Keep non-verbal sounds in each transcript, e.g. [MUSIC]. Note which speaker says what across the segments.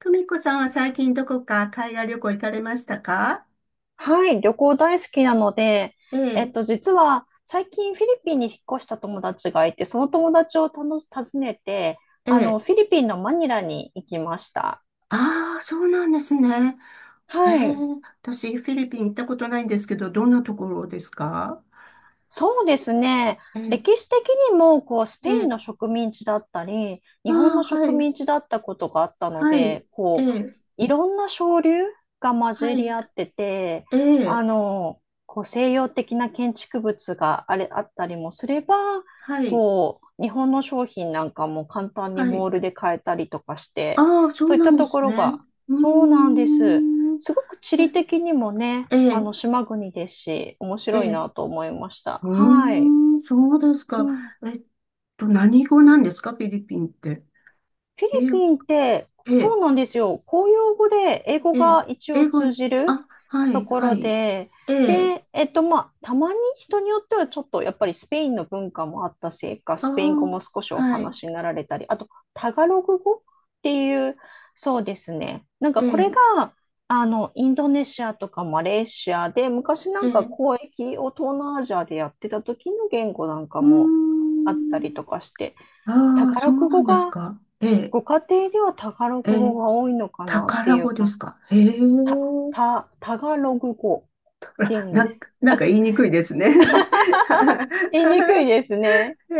Speaker 1: 久美子さんは最近どこか海外旅行行かれましたか？
Speaker 2: はい、旅行大好きなので、
Speaker 1: ええ、
Speaker 2: 実は最近フィリピンに引っ越した友達がいて、その友達を訪ねて、
Speaker 1: ええ。
Speaker 2: フィリピンのマニラに行きました。
Speaker 1: ああ、そうなんですね。ええ、
Speaker 2: はい。
Speaker 1: 私フィリピン行ったことないんですけど、どんなところですか？
Speaker 2: そうですね。
Speaker 1: え
Speaker 2: 歴
Speaker 1: え、
Speaker 2: 史的にも、こう、ス
Speaker 1: え
Speaker 2: ペイン
Speaker 1: え。
Speaker 2: の植民地だったり、
Speaker 1: あ
Speaker 2: 日本
Speaker 1: あ、
Speaker 2: の
Speaker 1: は
Speaker 2: 植
Speaker 1: い、
Speaker 2: 民地だったことがあったの
Speaker 1: はい、
Speaker 2: で、
Speaker 1: え
Speaker 2: こ
Speaker 1: え、
Speaker 2: う、いろんな潮流が混
Speaker 1: は
Speaker 2: じり
Speaker 1: い、
Speaker 2: 合ってて、
Speaker 1: ええ、
Speaker 2: こう、西洋的な建築物があったりもすれば、
Speaker 1: はい、
Speaker 2: こう、日本の商品なんかも簡単に
Speaker 1: は
Speaker 2: モ
Speaker 1: い。
Speaker 2: ールで買えたりとかして、
Speaker 1: ああ、そ
Speaker 2: そ
Speaker 1: う
Speaker 2: ういっ
Speaker 1: な
Speaker 2: た
Speaker 1: んで
Speaker 2: とこ
Speaker 1: す
Speaker 2: ろ
Speaker 1: ね。
Speaker 2: が、
Speaker 1: うー
Speaker 2: そうなんです。
Speaker 1: ん、
Speaker 2: すごく地理的にもね、
Speaker 1: ええ、
Speaker 2: 島国ですし、面
Speaker 1: え
Speaker 2: 白い
Speaker 1: え。
Speaker 2: な
Speaker 1: う
Speaker 2: と思いました。はい。
Speaker 1: ーん、そうです
Speaker 2: う
Speaker 1: か。
Speaker 2: ん。
Speaker 1: えっ何語なんですか、フィリピンって。
Speaker 2: フィ
Speaker 1: え
Speaker 2: リ
Speaker 1: え、
Speaker 2: ピンって、
Speaker 1: え
Speaker 2: そ
Speaker 1: え。
Speaker 2: うなんですよ。公用語で英語
Speaker 1: ええ、
Speaker 2: が一応
Speaker 1: 英語、
Speaker 2: 通じる
Speaker 1: あ、は
Speaker 2: と
Speaker 1: い、
Speaker 2: こ
Speaker 1: は
Speaker 2: ろ
Speaker 1: い。
Speaker 2: で、
Speaker 1: ええ、
Speaker 2: で、まあ、たまに人によってはちょっとやっぱりスペインの文化もあったせいか、
Speaker 1: あ
Speaker 2: スペイン語
Speaker 1: あ、
Speaker 2: も少しお
Speaker 1: はい、
Speaker 2: 話になられたり、あと、タガログ語っていう、そうですね。なんか
Speaker 1: え
Speaker 2: これ
Speaker 1: え、
Speaker 2: が、インドネシアとかマレーシアで、昔な
Speaker 1: え
Speaker 2: んか
Speaker 1: え、
Speaker 2: 交易を東南アジアでやってた時の言語なんか
Speaker 1: うー
Speaker 2: もあったりと
Speaker 1: ん、
Speaker 2: かして、タ
Speaker 1: ああ、
Speaker 2: ガ
Speaker 1: そ
Speaker 2: ロ
Speaker 1: う
Speaker 2: グ
Speaker 1: な
Speaker 2: 語
Speaker 1: んです
Speaker 2: が、
Speaker 1: か。ええ、
Speaker 2: ご家庭ではタガロ
Speaker 1: え
Speaker 2: グ語
Speaker 1: え、
Speaker 2: が多いのかなって
Speaker 1: 宝
Speaker 2: いう
Speaker 1: 語で
Speaker 2: か、
Speaker 1: すか？へえ、
Speaker 2: た、
Speaker 1: [LAUGHS]
Speaker 2: タガログ語っ
Speaker 1: あ
Speaker 2: ていう
Speaker 1: ら
Speaker 2: ん
Speaker 1: な
Speaker 2: で
Speaker 1: ん
Speaker 2: す。
Speaker 1: か、なんか言いにくいですね。[LAUGHS]
Speaker 2: 言いにくいですね。
Speaker 1: へ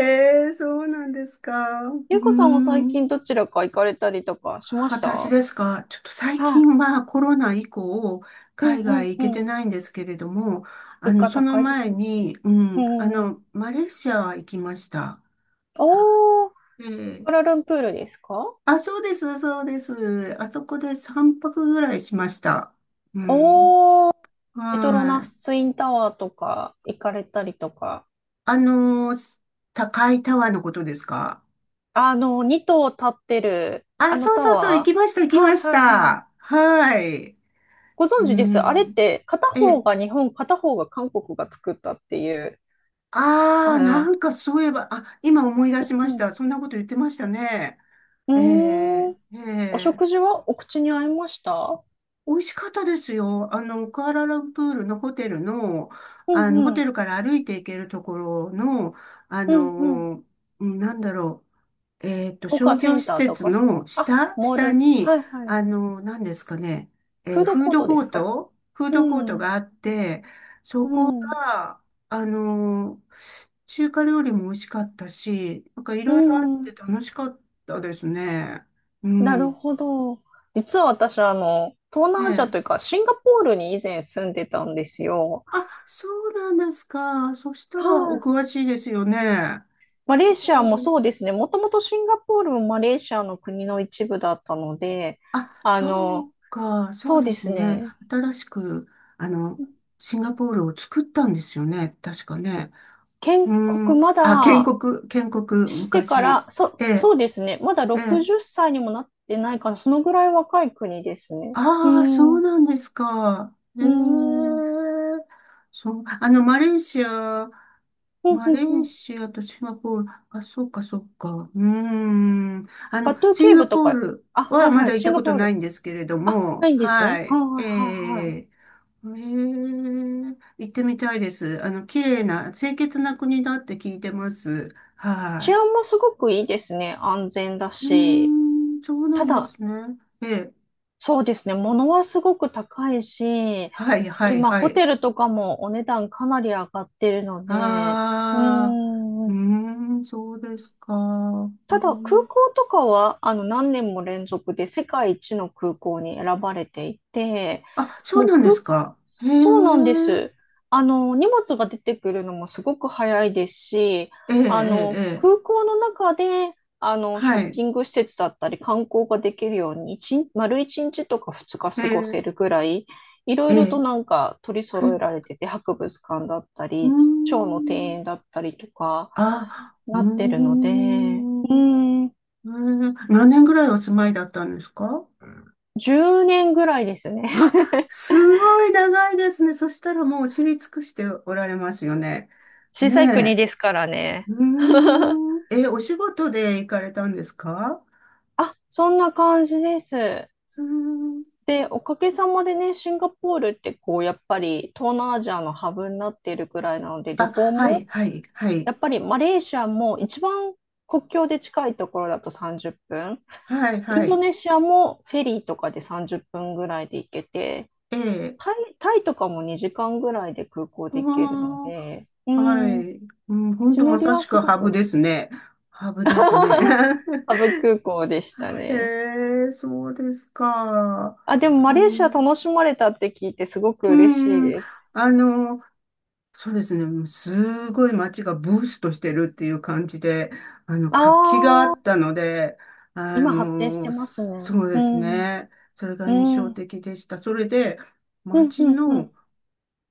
Speaker 1: え、そうなんですか？うー
Speaker 2: ゆうこさんも最近
Speaker 1: ん。
Speaker 2: どちらか行かれたりとかしました？
Speaker 1: 私
Speaker 2: は
Speaker 1: ですか？ちょっと最
Speaker 2: い。
Speaker 1: 近はコロナ以降、
Speaker 2: うん
Speaker 1: 海
Speaker 2: う
Speaker 1: 外
Speaker 2: ん
Speaker 1: 行け
Speaker 2: う
Speaker 1: て
Speaker 2: ん。
Speaker 1: ないんですけれども、あ
Speaker 2: 物
Speaker 1: の、
Speaker 2: 価
Speaker 1: その
Speaker 2: 高いです
Speaker 1: 前
Speaker 2: ね。
Speaker 1: に、う
Speaker 2: う
Speaker 1: ん、あ
Speaker 2: ん。
Speaker 1: の、マレーシアは行きました。は
Speaker 2: おー、ク
Speaker 1: い。で、
Speaker 2: アラルンプールですか？
Speaker 1: あ、そうです、そうです。あそこで3泊ぐらいしました。うん。
Speaker 2: おー、ペトロ
Speaker 1: は
Speaker 2: ナ
Speaker 1: い。
Speaker 2: スインタワーとか行かれたりとか。
Speaker 1: あの、高いタワーのことですか？
Speaker 2: 2棟立ってる、あ
Speaker 1: あ、
Speaker 2: の
Speaker 1: そう
Speaker 2: タ
Speaker 1: そうそう、行
Speaker 2: ワ
Speaker 1: きました、行
Speaker 2: ー。
Speaker 1: き
Speaker 2: はい
Speaker 1: まし
Speaker 2: はいはい。
Speaker 1: た。はい。
Speaker 2: ご
Speaker 1: う
Speaker 2: 存知です。あれっ
Speaker 1: ん。
Speaker 2: て片
Speaker 1: え
Speaker 2: 方
Speaker 1: え。
Speaker 2: が日本、片方が韓国が作ったっていう。
Speaker 1: ああ、な
Speaker 2: あ
Speaker 1: んかそういえば、あ、今思い出
Speaker 2: ー、
Speaker 1: しまし
Speaker 2: う
Speaker 1: た。そんなこと言ってましたね。え
Speaker 2: ん。うー
Speaker 1: え、
Speaker 2: ん。
Speaker 1: え
Speaker 2: お
Speaker 1: え、
Speaker 2: 食事はお口に合いました？
Speaker 1: 美味しかったですよ。あの、クアラルンプールのホテルの、
Speaker 2: う
Speaker 1: あの、ホ
Speaker 2: んう
Speaker 1: テ
Speaker 2: ん。
Speaker 1: ルから歩いて行けるところの、あ
Speaker 2: うんうん。
Speaker 1: の、うん、なんだろう、
Speaker 2: 他
Speaker 1: 商
Speaker 2: セ
Speaker 1: 業
Speaker 2: ン
Speaker 1: 施
Speaker 2: ターと
Speaker 1: 設
Speaker 2: か、
Speaker 1: の
Speaker 2: あ、
Speaker 1: 下、
Speaker 2: モー
Speaker 1: 下
Speaker 2: ル。
Speaker 1: に、
Speaker 2: はいはい。
Speaker 1: あの、何ですかね、
Speaker 2: フード
Speaker 1: フー
Speaker 2: コー
Speaker 1: ド
Speaker 2: トで
Speaker 1: コ
Speaker 2: す
Speaker 1: ー
Speaker 2: か？
Speaker 1: ト、フー
Speaker 2: う
Speaker 1: ドコート
Speaker 2: ん。
Speaker 1: があって、
Speaker 2: うん。
Speaker 1: あの、中華料理も美味しかったし、なんかい
Speaker 2: う
Speaker 1: ろいろあって
Speaker 2: ん。
Speaker 1: 楽しかったですね。う
Speaker 2: なる
Speaker 1: ん。
Speaker 2: ほど。実は私、東
Speaker 1: ね
Speaker 2: 南アジア
Speaker 1: え
Speaker 2: という
Speaker 1: え。
Speaker 2: か、シンガポールに以前住んでたんですよ。
Speaker 1: あ、そうなんですか。そしたら
Speaker 2: は
Speaker 1: お
Speaker 2: い。
Speaker 1: 詳しいですよね。
Speaker 2: マ
Speaker 1: う
Speaker 2: レーシアも
Speaker 1: ん。
Speaker 2: そうですね。もともとシンガポールもマレーシアの国の一部だったので、
Speaker 1: あ、
Speaker 2: あ
Speaker 1: そ
Speaker 2: の、
Speaker 1: うか。そ
Speaker 2: そ
Speaker 1: う
Speaker 2: う
Speaker 1: で
Speaker 2: で
Speaker 1: す
Speaker 2: す
Speaker 1: ね。
Speaker 2: ね。
Speaker 1: 新しく、あの、シンガポールを作ったんですよね。確かね。
Speaker 2: 建
Speaker 1: う
Speaker 2: 国
Speaker 1: ん。
Speaker 2: ま
Speaker 1: あ、建
Speaker 2: だ
Speaker 1: 国、建国、
Speaker 2: してか
Speaker 1: 昔。
Speaker 2: ら、
Speaker 1: え
Speaker 2: そ
Speaker 1: え、
Speaker 2: うですね。まだ
Speaker 1: ええ。
Speaker 2: 60歳にもなってないから、そのぐらい若い国ですね。うー
Speaker 1: ああ、そ
Speaker 2: ん、
Speaker 1: う
Speaker 2: う
Speaker 1: なんですか。ええ。
Speaker 2: ーん、うん、
Speaker 1: そう、あの、
Speaker 2: うん、
Speaker 1: マレ
Speaker 2: う
Speaker 1: ー
Speaker 2: ん。
Speaker 1: シアとシンガポール、あ、そうか、そうか。うーん。あ
Speaker 2: バ
Speaker 1: の、
Speaker 2: トゥー
Speaker 1: シン
Speaker 2: ケー
Speaker 1: ガ
Speaker 2: ブと
Speaker 1: ポー
Speaker 2: か、
Speaker 1: ル
Speaker 2: あ、は
Speaker 1: は
Speaker 2: い
Speaker 1: ま
Speaker 2: は
Speaker 1: だ
Speaker 2: い、
Speaker 1: 行っ
Speaker 2: シン
Speaker 1: た
Speaker 2: ガ
Speaker 1: こと
Speaker 2: ポー
Speaker 1: ない
Speaker 2: ル。
Speaker 1: んですけれど
Speaker 2: あ、な
Speaker 1: も、
Speaker 2: いんです
Speaker 1: は
Speaker 2: ね。は
Speaker 1: い。
Speaker 2: いはい
Speaker 1: ええ
Speaker 2: はい
Speaker 1: え
Speaker 2: はい。
Speaker 1: え。行ってみたいです。あの、綺麗な、清潔な国だって聞いてます。
Speaker 2: 治
Speaker 1: は
Speaker 2: 安もすごくいいですね。安全だ
Speaker 1: い。う
Speaker 2: し。
Speaker 1: ーん、そうな
Speaker 2: た
Speaker 1: んで
Speaker 2: だ、
Speaker 1: すね。ええ。
Speaker 2: そうですね。物はすごく高いし、
Speaker 1: はい、はい、
Speaker 2: 今、
Speaker 1: は
Speaker 2: ホ
Speaker 1: い。
Speaker 2: テルとかもお値段かなり上がってるので、うー
Speaker 1: ああ、うー
Speaker 2: ん、
Speaker 1: ん、そうですか。う
Speaker 2: ただ空
Speaker 1: ん、
Speaker 2: 港とかは何年も連続で世界一の空港に選ばれていて、
Speaker 1: あ、そう
Speaker 2: もう
Speaker 1: なんで
Speaker 2: 空、
Speaker 1: すか。へえ、
Speaker 2: そうなんです。あの荷物が出てくるのもすごく早いですし、
Speaker 1: ええ、え
Speaker 2: あ
Speaker 1: え、
Speaker 2: の
Speaker 1: え
Speaker 2: 空
Speaker 1: え。
Speaker 2: 港の中であのショ
Speaker 1: は
Speaker 2: ッ
Speaker 1: い。
Speaker 2: ピング施設だったり観光ができるように丸1日とか2日
Speaker 1: え
Speaker 2: 過ごせ
Speaker 1: え、
Speaker 2: るぐらい、いろ
Speaker 1: え
Speaker 2: いろと
Speaker 1: え、
Speaker 2: なんか取り
Speaker 1: へ、
Speaker 2: 揃えられてて、博物館だった
Speaker 1: うー
Speaker 2: り、蝶の庭
Speaker 1: ん、
Speaker 2: 園だったりとか、
Speaker 1: あ、うー
Speaker 2: なってるので、うー
Speaker 1: ん、
Speaker 2: ん、
Speaker 1: ええ、何年ぐらいお住まいだったんですか？
Speaker 2: 10年ぐらいですね。
Speaker 1: あ、
Speaker 2: [LAUGHS]
Speaker 1: すごい長いですね。そしたらもう知り尽くしておられますよね。
Speaker 2: 小さい国
Speaker 1: ね
Speaker 2: ですからね。
Speaker 1: え。うー
Speaker 2: [LAUGHS]
Speaker 1: ん、え、お仕事で行かれたんですか？
Speaker 2: あ、そんな感じです。
Speaker 1: うーん。
Speaker 2: で、おかげさまでね、シンガポールってこう、やっぱり東南アジアのハブになっているぐらいなので、旅
Speaker 1: あ、
Speaker 2: 行
Speaker 1: はい、
Speaker 2: も、
Speaker 1: はい、はい、
Speaker 2: やっぱりマレーシアも一番国境で近いところだと30分、
Speaker 1: はい、
Speaker 2: イ
Speaker 1: は
Speaker 2: ンド
Speaker 1: い、
Speaker 2: ネシアもフェリーとかで30分ぐらいで行けて、
Speaker 1: ええ、
Speaker 2: タイとかも2時間ぐらいで空港
Speaker 1: う
Speaker 2: で
Speaker 1: ー
Speaker 2: 行けるの
Speaker 1: ん、
Speaker 2: で、う
Speaker 1: は
Speaker 2: ん、
Speaker 1: い、うん、ほん
Speaker 2: 地
Speaker 1: と
Speaker 2: 乗
Speaker 1: ま
Speaker 2: り
Speaker 1: さ
Speaker 2: は
Speaker 1: し
Speaker 2: す
Speaker 1: く
Speaker 2: ご
Speaker 1: ハブ
Speaker 2: く
Speaker 1: ですね。ハブですね。
Speaker 2: [LAUGHS] ハ
Speaker 1: [LAUGHS]
Speaker 2: ブ空港でした
Speaker 1: へ
Speaker 2: ね。
Speaker 1: え、そうですか。
Speaker 2: あ、でもマ
Speaker 1: う
Speaker 2: レーシア
Speaker 1: ん、
Speaker 2: 楽しまれたって聞いてすごく
Speaker 1: う
Speaker 2: 嬉しい
Speaker 1: ん、
Speaker 2: です。
Speaker 1: あの、そうですね、すごい街がブーストしてるっていう感じで、あの、
Speaker 2: あ
Speaker 1: 活気があ
Speaker 2: あ、
Speaker 1: ったので、あ
Speaker 2: 今発展して
Speaker 1: の、
Speaker 2: ますね。
Speaker 1: そうで
Speaker 2: う
Speaker 1: す
Speaker 2: ん、う
Speaker 1: ね、それが印
Speaker 2: ん、
Speaker 1: 象
Speaker 2: うん、
Speaker 1: 的でした。それで、
Speaker 2: うん、
Speaker 1: 街
Speaker 2: うん。
Speaker 1: の、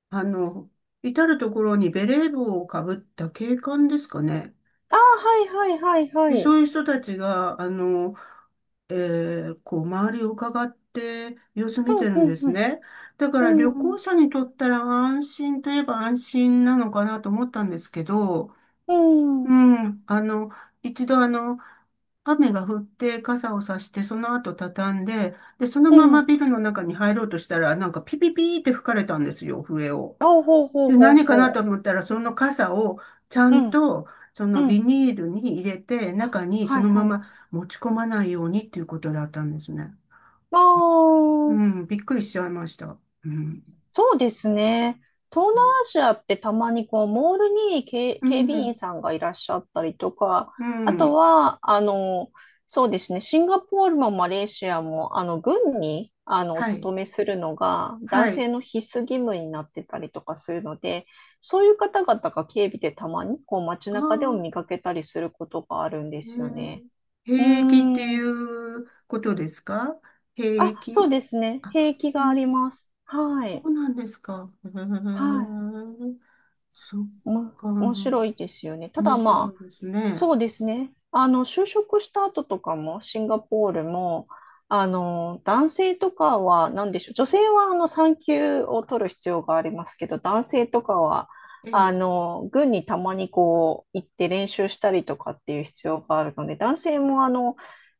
Speaker 1: あの、至るところにベレー帽をかぶった警官ですかね。
Speaker 2: ああ、はいはいはい
Speaker 1: で、
Speaker 2: は
Speaker 1: そ
Speaker 2: い。
Speaker 1: ういう人たちが、あの、えこう、周りを伺って様子
Speaker 2: う
Speaker 1: 見て
Speaker 2: ん、
Speaker 1: るん
Speaker 2: う
Speaker 1: で
Speaker 2: ん、
Speaker 1: すね。だか
Speaker 2: う
Speaker 1: ら旅
Speaker 2: ん、うん、
Speaker 1: 行者にとったら安心といえば安心なのかなと思ったんですけど、
Speaker 2: う
Speaker 1: う
Speaker 2: ん、
Speaker 1: ん、あの、一度あの、雨が降って傘をさして、その後畳んで、で、その
Speaker 2: う
Speaker 1: まま
Speaker 2: ん。
Speaker 1: ビルの中に入ろうとしたら、なんかピピピーって吹かれたんですよ、笛を。
Speaker 2: あ、ほうほう
Speaker 1: で、
Speaker 2: ほう
Speaker 1: 何かなと
Speaker 2: ほ
Speaker 1: 思ったら、その傘をちゃ
Speaker 2: う。う
Speaker 1: ん
Speaker 2: ん、
Speaker 1: と、その
Speaker 2: う
Speaker 1: ビ
Speaker 2: ん。
Speaker 1: ニールに入れて、中にそ
Speaker 2: はい
Speaker 1: のま
Speaker 2: はい。
Speaker 1: ま持ち込まないようにっていうことだったんですね。
Speaker 2: あ
Speaker 1: う
Speaker 2: あ。
Speaker 1: ん、びっくりしちゃいました。うん。
Speaker 2: そうですね。東南アジアってたまにこうモールに
Speaker 1: う
Speaker 2: 警備
Speaker 1: ん、
Speaker 2: 員さんがいらっしゃったりとか、
Speaker 1: う
Speaker 2: あと
Speaker 1: ん、
Speaker 2: は、そうですね、シンガポールもマレーシアも、軍に、お
Speaker 1: はい、
Speaker 2: 勤めするのが
Speaker 1: は
Speaker 2: 男
Speaker 1: い。
Speaker 2: 性の必須義務になってたりとかするので、そういう方々が警備でたまにこう街
Speaker 1: あ
Speaker 2: 中でも
Speaker 1: あ、
Speaker 2: 見かけたりすることがあるんです
Speaker 1: う
Speaker 2: よね。
Speaker 1: ん。
Speaker 2: う
Speaker 1: 兵役って
Speaker 2: ー
Speaker 1: い
Speaker 2: ん。
Speaker 1: うことですか？兵
Speaker 2: あ、そう
Speaker 1: 役。
Speaker 2: ですね。
Speaker 1: あ、
Speaker 2: 兵役
Speaker 1: う
Speaker 2: があ
Speaker 1: ん、
Speaker 2: ります。は
Speaker 1: そ
Speaker 2: い。
Speaker 1: うなんですか。[LAUGHS] へえ、
Speaker 2: はい。
Speaker 1: そっ
Speaker 2: も、
Speaker 1: か。
Speaker 2: 面白いですよね。た
Speaker 1: 面
Speaker 2: だ
Speaker 1: 白
Speaker 2: ま
Speaker 1: い
Speaker 2: あ、
Speaker 1: ですね。
Speaker 2: そうですね。就職した後とかも、シンガポールも、男性とかは、なんでしょう。女性は、産休を取る必要がありますけど、男性とかは、
Speaker 1: ええ。
Speaker 2: 軍にたまにこう、行って練習したりとかっていう必要があるので、男性も、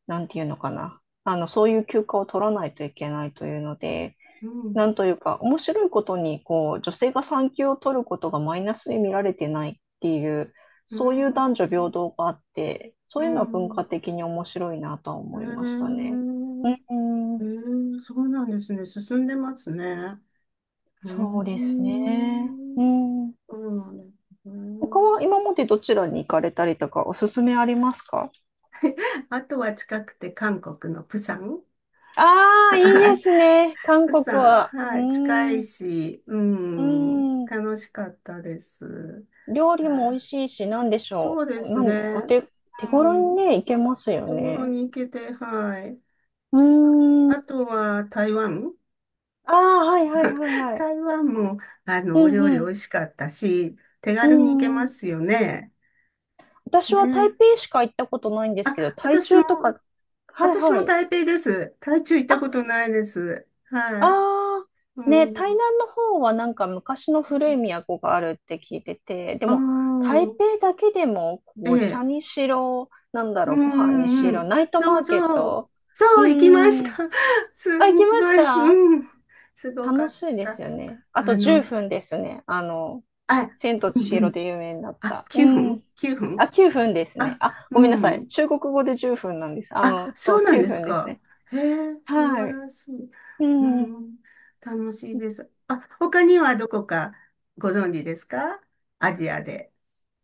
Speaker 2: なんていうのかな。そういう休暇を取らないといけないというので、
Speaker 1: う
Speaker 2: な
Speaker 1: ん、
Speaker 2: んというか、面白いことに、こう、女性が産休を取ることがマイナスに見られてないっていう、
Speaker 1: う
Speaker 2: そういう男女平
Speaker 1: ん、
Speaker 2: 等があって、
Speaker 1: う
Speaker 2: そういうのは文
Speaker 1: ん、
Speaker 2: 化的に面白いなとは
Speaker 1: う
Speaker 2: 思いましたね。
Speaker 1: ん、
Speaker 2: う
Speaker 1: う
Speaker 2: ん、
Speaker 1: ん、うん、そうなんですね。進んでますね。う
Speaker 2: そうですね。
Speaker 1: ん、
Speaker 2: うん。
Speaker 1: そうなんです
Speaker 2: 他
Speaker 1: ね。
Speaker 2: は今までどちらに行かれたりとか、おすすめありますか？
Speaker 1: あとは近くて韓国のプサン。
Speaker 2: ああ、いいで
Speaker 1: [LAUGHS]
Speaker 2: すね。韓
Speaker 1: プ
Speaker 2: 国
Speaker 1: サン、
Speaker 2: は。う
Speaker 1: は
Speaker 2: ー
Speaker 1: い、近
Speaker 2: ん。
Speaker 1: い
Speaker 2: う
Speaker 1: し、う
Speaker 2: ー
Speaker 1: ん、
Speaker 2: ん。
Speaker 1: 楽しかったです。
Speaker 2: 料理も
Speaker 1: は
Speaker 2: 美
Speaker 1: い、
Speaker 2: 味しいし、なんでしょ
Speaker 1: そうで
Speaker 2: う。
Speaker 1: す
Speaker 2: なん、お
Speaker 1: ね。
Speaker 2: 手、手
Speaker 1: う
Speaker 2: 頃
Speaker 1: ん、
Speaker 2: にね、行けますよ
Speaker 1: 手頃
Speaker 2: ね。
Speaker 1: に行けて、はい。
Speaker 2: うー
Speaker 1: あ
Speaker 2: ん。
Speaker 1: とは台湾。
Speaker 2: ああ、はいはいはいはい。
Speaker 1: 台湾も、あ
Speaker 2: う
Speaker 1: の、お料理美
Speaker 2: ん
Speaker 1: 味しかったし、手
Speaker 2: う
Speaker 1: 軽に行け
Speaker 2: ん。う
Speaker 1: ま
Speaker 2: ん。
Speaker 1: すよね。
Speaker 2: 私は台
Speaker 1: ね。
Speaker 2: 北しか行ったことないんですけど、
Speaker 1: あ、
Speaker 2: 台
Speaker 1: 私も、
Speaker 2: 中とか、はい
Speaker 1: 私
Speaker 2: は
Speaker 1: も
Speaker 2: い。
Speaker 1: 台北です。台中行った
Speaker 2: あ、
Speaker 1: ことないです。
Speaker 2: あ
Speaker 1: はい。う
Speaker 2: あ、ね、台
Speaker 1: ん。
Speaker 2: 南の方はなんか昔の古い都があるって聞いてて、で
Speaker 1: あ
Speaker 2: も
Speaker 1: あ、
Speaker 2: 台北だけでもこう
Speaker 1: え
Speaker 2: お茶
Speaker 1: え。
Speaker 2: にしろ、なんだ
Speaker 1: う
Speaker 2: ろう、ご
Speaker 1: ん
Speaker 2: 飯に
Speaker 1: う
Speaker 2: し
Speaker 1: んう
Speaker 2: ろ、
Speaker 1: ん。
Speaker 2: ナイト
Speaker 1: そ
Speaker 2: マ
Speaker 1: う
Speaker 2: ーケッ
Speaker 1: そう。
Speaker 2: ト。うー
Speaker 1: そう、行きまし
Speaker 2: ん。
Speaker 1: た。[LAUGHS] す
Speaker 2: あ、行
Speaker 1: ん
Speaker 2: きま
Speaker 1: ご
Speaker 2: し
Speaker 1: い。
Speaker 2: た？
Speaker 1: うん。すごか
Speaker 2: 楽
Speaker 1: っ
Speaker 2: しいです
Speaker 1: た。
Speaker 2: よね。あと
Speaker 1: あ
Speaker 2: 10
Speaker 1: の、
Speaker 2: 分ですね。
Speaker 1: あ、
Speaker 2: 千と
Speaker 1: う
Speaker 2: 千
Speaker 1: んう
Speaker 2: 尋
Speaker 1: ん。
Speaker 2: で有名になっ
Speaker 1: あ、
Speaker 2: た。う
Speaker 1: 9分
Speaker 2: ん。
Speaker 1: ?9 分。
Speaker 2: あ、9分ですね。
Speaker 1: あ、
Speaker 2: あ、ご
Speaker 1: う
Speaker 2: めんなさい。
Speaker 1: ん。
Speaker 2: 中国語で10分なんです。
Speaker 1: あ、
Speaker 2: そ
Speaker 1: そう
Speaker 2: う、
Speaker 1: なん
Speaker 2: 9
Speaker 1: です
Speaker 2: 分です
Speaker 1: か。
Speaker 2: ね。
Speaker 1: へえ、素
Speaker 2: は
Speaker 1: 晴
Speaker 2: い。
Speaker 1: らしい。
Speaker 2: う
Speaker 1: う
Speaker 2: ん。
Speaker 1: ん、楽しいです。あ、他にはどこかご存知ですか？アジアで。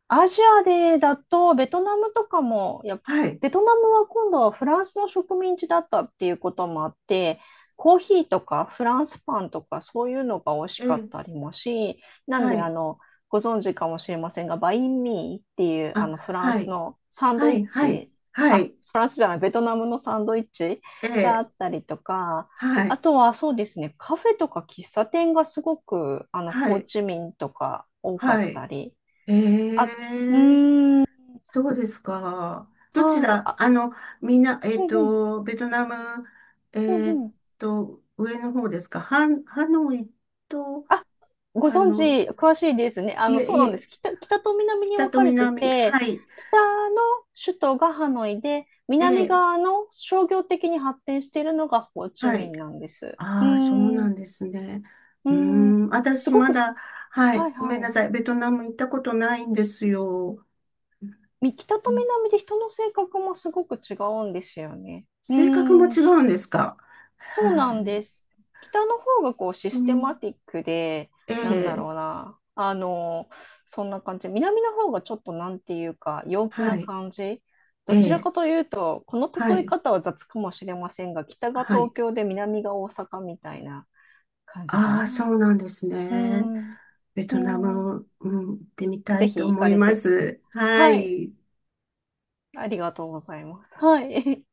Speaker 2: アジアでだと、ベトナムとかも、いや、
Speaker 1: はい。
Speaker 2: ベトナムは今度はフランスの植民地だったっていうこともあって、コーヒーとかフランスパンとかそういうのが美味し
Speaker 1: え
Speaker 2: かっ
Speaker 1: え、
Speaker 2: たりもし、なん
Speaker 1: は
Speaker 2: で
Speaker 1: い。
Speaker 2: ご存知かもしれませんが、バインミーっていうあ
Speaker 1: あ、
Speaker 2: のフラン
Speaker 1: は
Speaker 2: ス
Speaker 1: い。
Speaker 2: のサン
Speaker 1: は
Speaker 2: ドイッ
Speaker 1: い、はい。
Speaker 2: チ、
Speaker 1: は
Speaker 2: あ、
Speaker 1: い。
Speaker 2: フランスじゃない、ベトナムのサンドイッチ
Speaker 1: え
Speaker 2: があ
Speaker 1: え、
Speaker 2: ったりとか、
Speaker 1: は
Speaker 2: あ
Speaker 1: い。
Speaker 2: とはそうですね、カフェとか喫茶店がすごくあの
Speaker 1: は
Speaker 2: ホー
Speaker 1: い。
Speaker 2: チミンとか多か
Speaker 1: は
Speaker 2: っ
Speaker 1: い。
Speaker 2: たり、
Speaker 1: え
Speaker 2: あ、
Speaker 1: え、
Speaker 2: うーん、
Speaker 1: そうですか。どち
Speaker 2: はい。
Speaker 1: ら、
Speaker 2: あ、
Speaker 1: あの、みんな、
Speaker 2: うんうん、
Speaker 1: ベトナム、
Speaker 2: うん
Speaker 1: えっ
Speaker 2: うん。
Speaker 1: 上の方ですか。ハノイと、
Speaker 2: あ、ご
Speaker 1: あ
Speaker 2: 存知、
Speaker 1: の、
Speaker 2: 詳しいですね。
Speaker 1: いえ
Speaker 2: そう
Speaker 1: い
Speaker 2: なんで
Speaker 1: え、
Speaker 2: す。北と南に
Speaker 1: 北
Speaker 2: 分
Speaker 1: と
Speaker 2: かれて
Speaker 1: 南。
Speaker 2: て、
Speaker 1: はい。
Speaker 2: 北の首都がハノイで、
Speaker 1: え
Speaker 2: 南
Speaker 1: え、
Speaker 2: 側の商業的に発展しているのがホーチ
Speaker 1: は
Speaker 2: ミ
Speaker 1: い。
Speaker 2: ンなんです。うー
Speaker 1: ああ、そうな
Speaker 2: ん、う
Speaker 1: んですね。
Speaker 2: ー
Speaker 1: うー
Speaker 2: ん、
Speaker 1: ん、
Speaker 2: す
Speaker 1: 私
Speaker 2: ご
Speaker 1: ま
Speaker 2: くす、
Speaker 1: だ、は
Speaker 2: は
Speaker 1: い。
Speaker 2: い
Speaker 1: ごめ
Speaker 2: は
Speaker 1: んな
Speaker 2: い。
Speaker 1: さい。ベトナム行ったことないんですよ。
Speaker 2: 北と
Speaker 1: うん、
Speaker 2: 南で人の性格もすごく違うんですよね。うー
Speaker 1: 性格も違
Speaker 2: ん、
Speaker 1: うんですか？
Speaker 2: そう
Speaker 1: は
Speaker 2: なん
Speaker 1: い。
Speaker 2: です。北の方がこうシ
Speaker 1: う
Speaker 2: ステマ
Speaker 1: ん、
Speaker 2: ティックで、
Speaker 1: え
Speaker 2: なんだろ
Speaker 1: え、
Speaker 2: うな、そんな感じ。南の方がちょっとなんていうか、陽気
Speaker 1: は
Speaker 2: な
Speaker 1: い。
Speaker 2: 感じ。
Speaker 1: え
Speaker 2: どちら
Speaker 1: え、
Speaker 2: かというと、この
Speaker 1: は
Speaker 2: 例え
Speaker 1: い。
Speaker 2: 方は雑かもしれませんが、北が
Speaker 1: はい。
Speaker 2: 東京で南が大阪みたいな感じか
Speaker 1: ああ、
Speaker 2: な。
Speaker 1: そうなんです
Speaker 2: う
Speaker 1: ね。
Speaker 2: ん、
Speaker 1: ベ
Speaker 2: う
Speaker 1: トナ
Speaker 2: ん。
Speaker 1: ム、うん、行ってみた
Speaker 2: ぜ
Speaker 1: いと
Speaker 2: ひ行
Speaker 1: 思
Speaker 2: か
Speaker 1: い
Speaker 2: れ
Speaker 1: ま
Speaker 2: て。
Speaker 1: す。は
Speaker 2: はい。
Speaker 1: い。
Speaker 2: ありがとうございます。はい。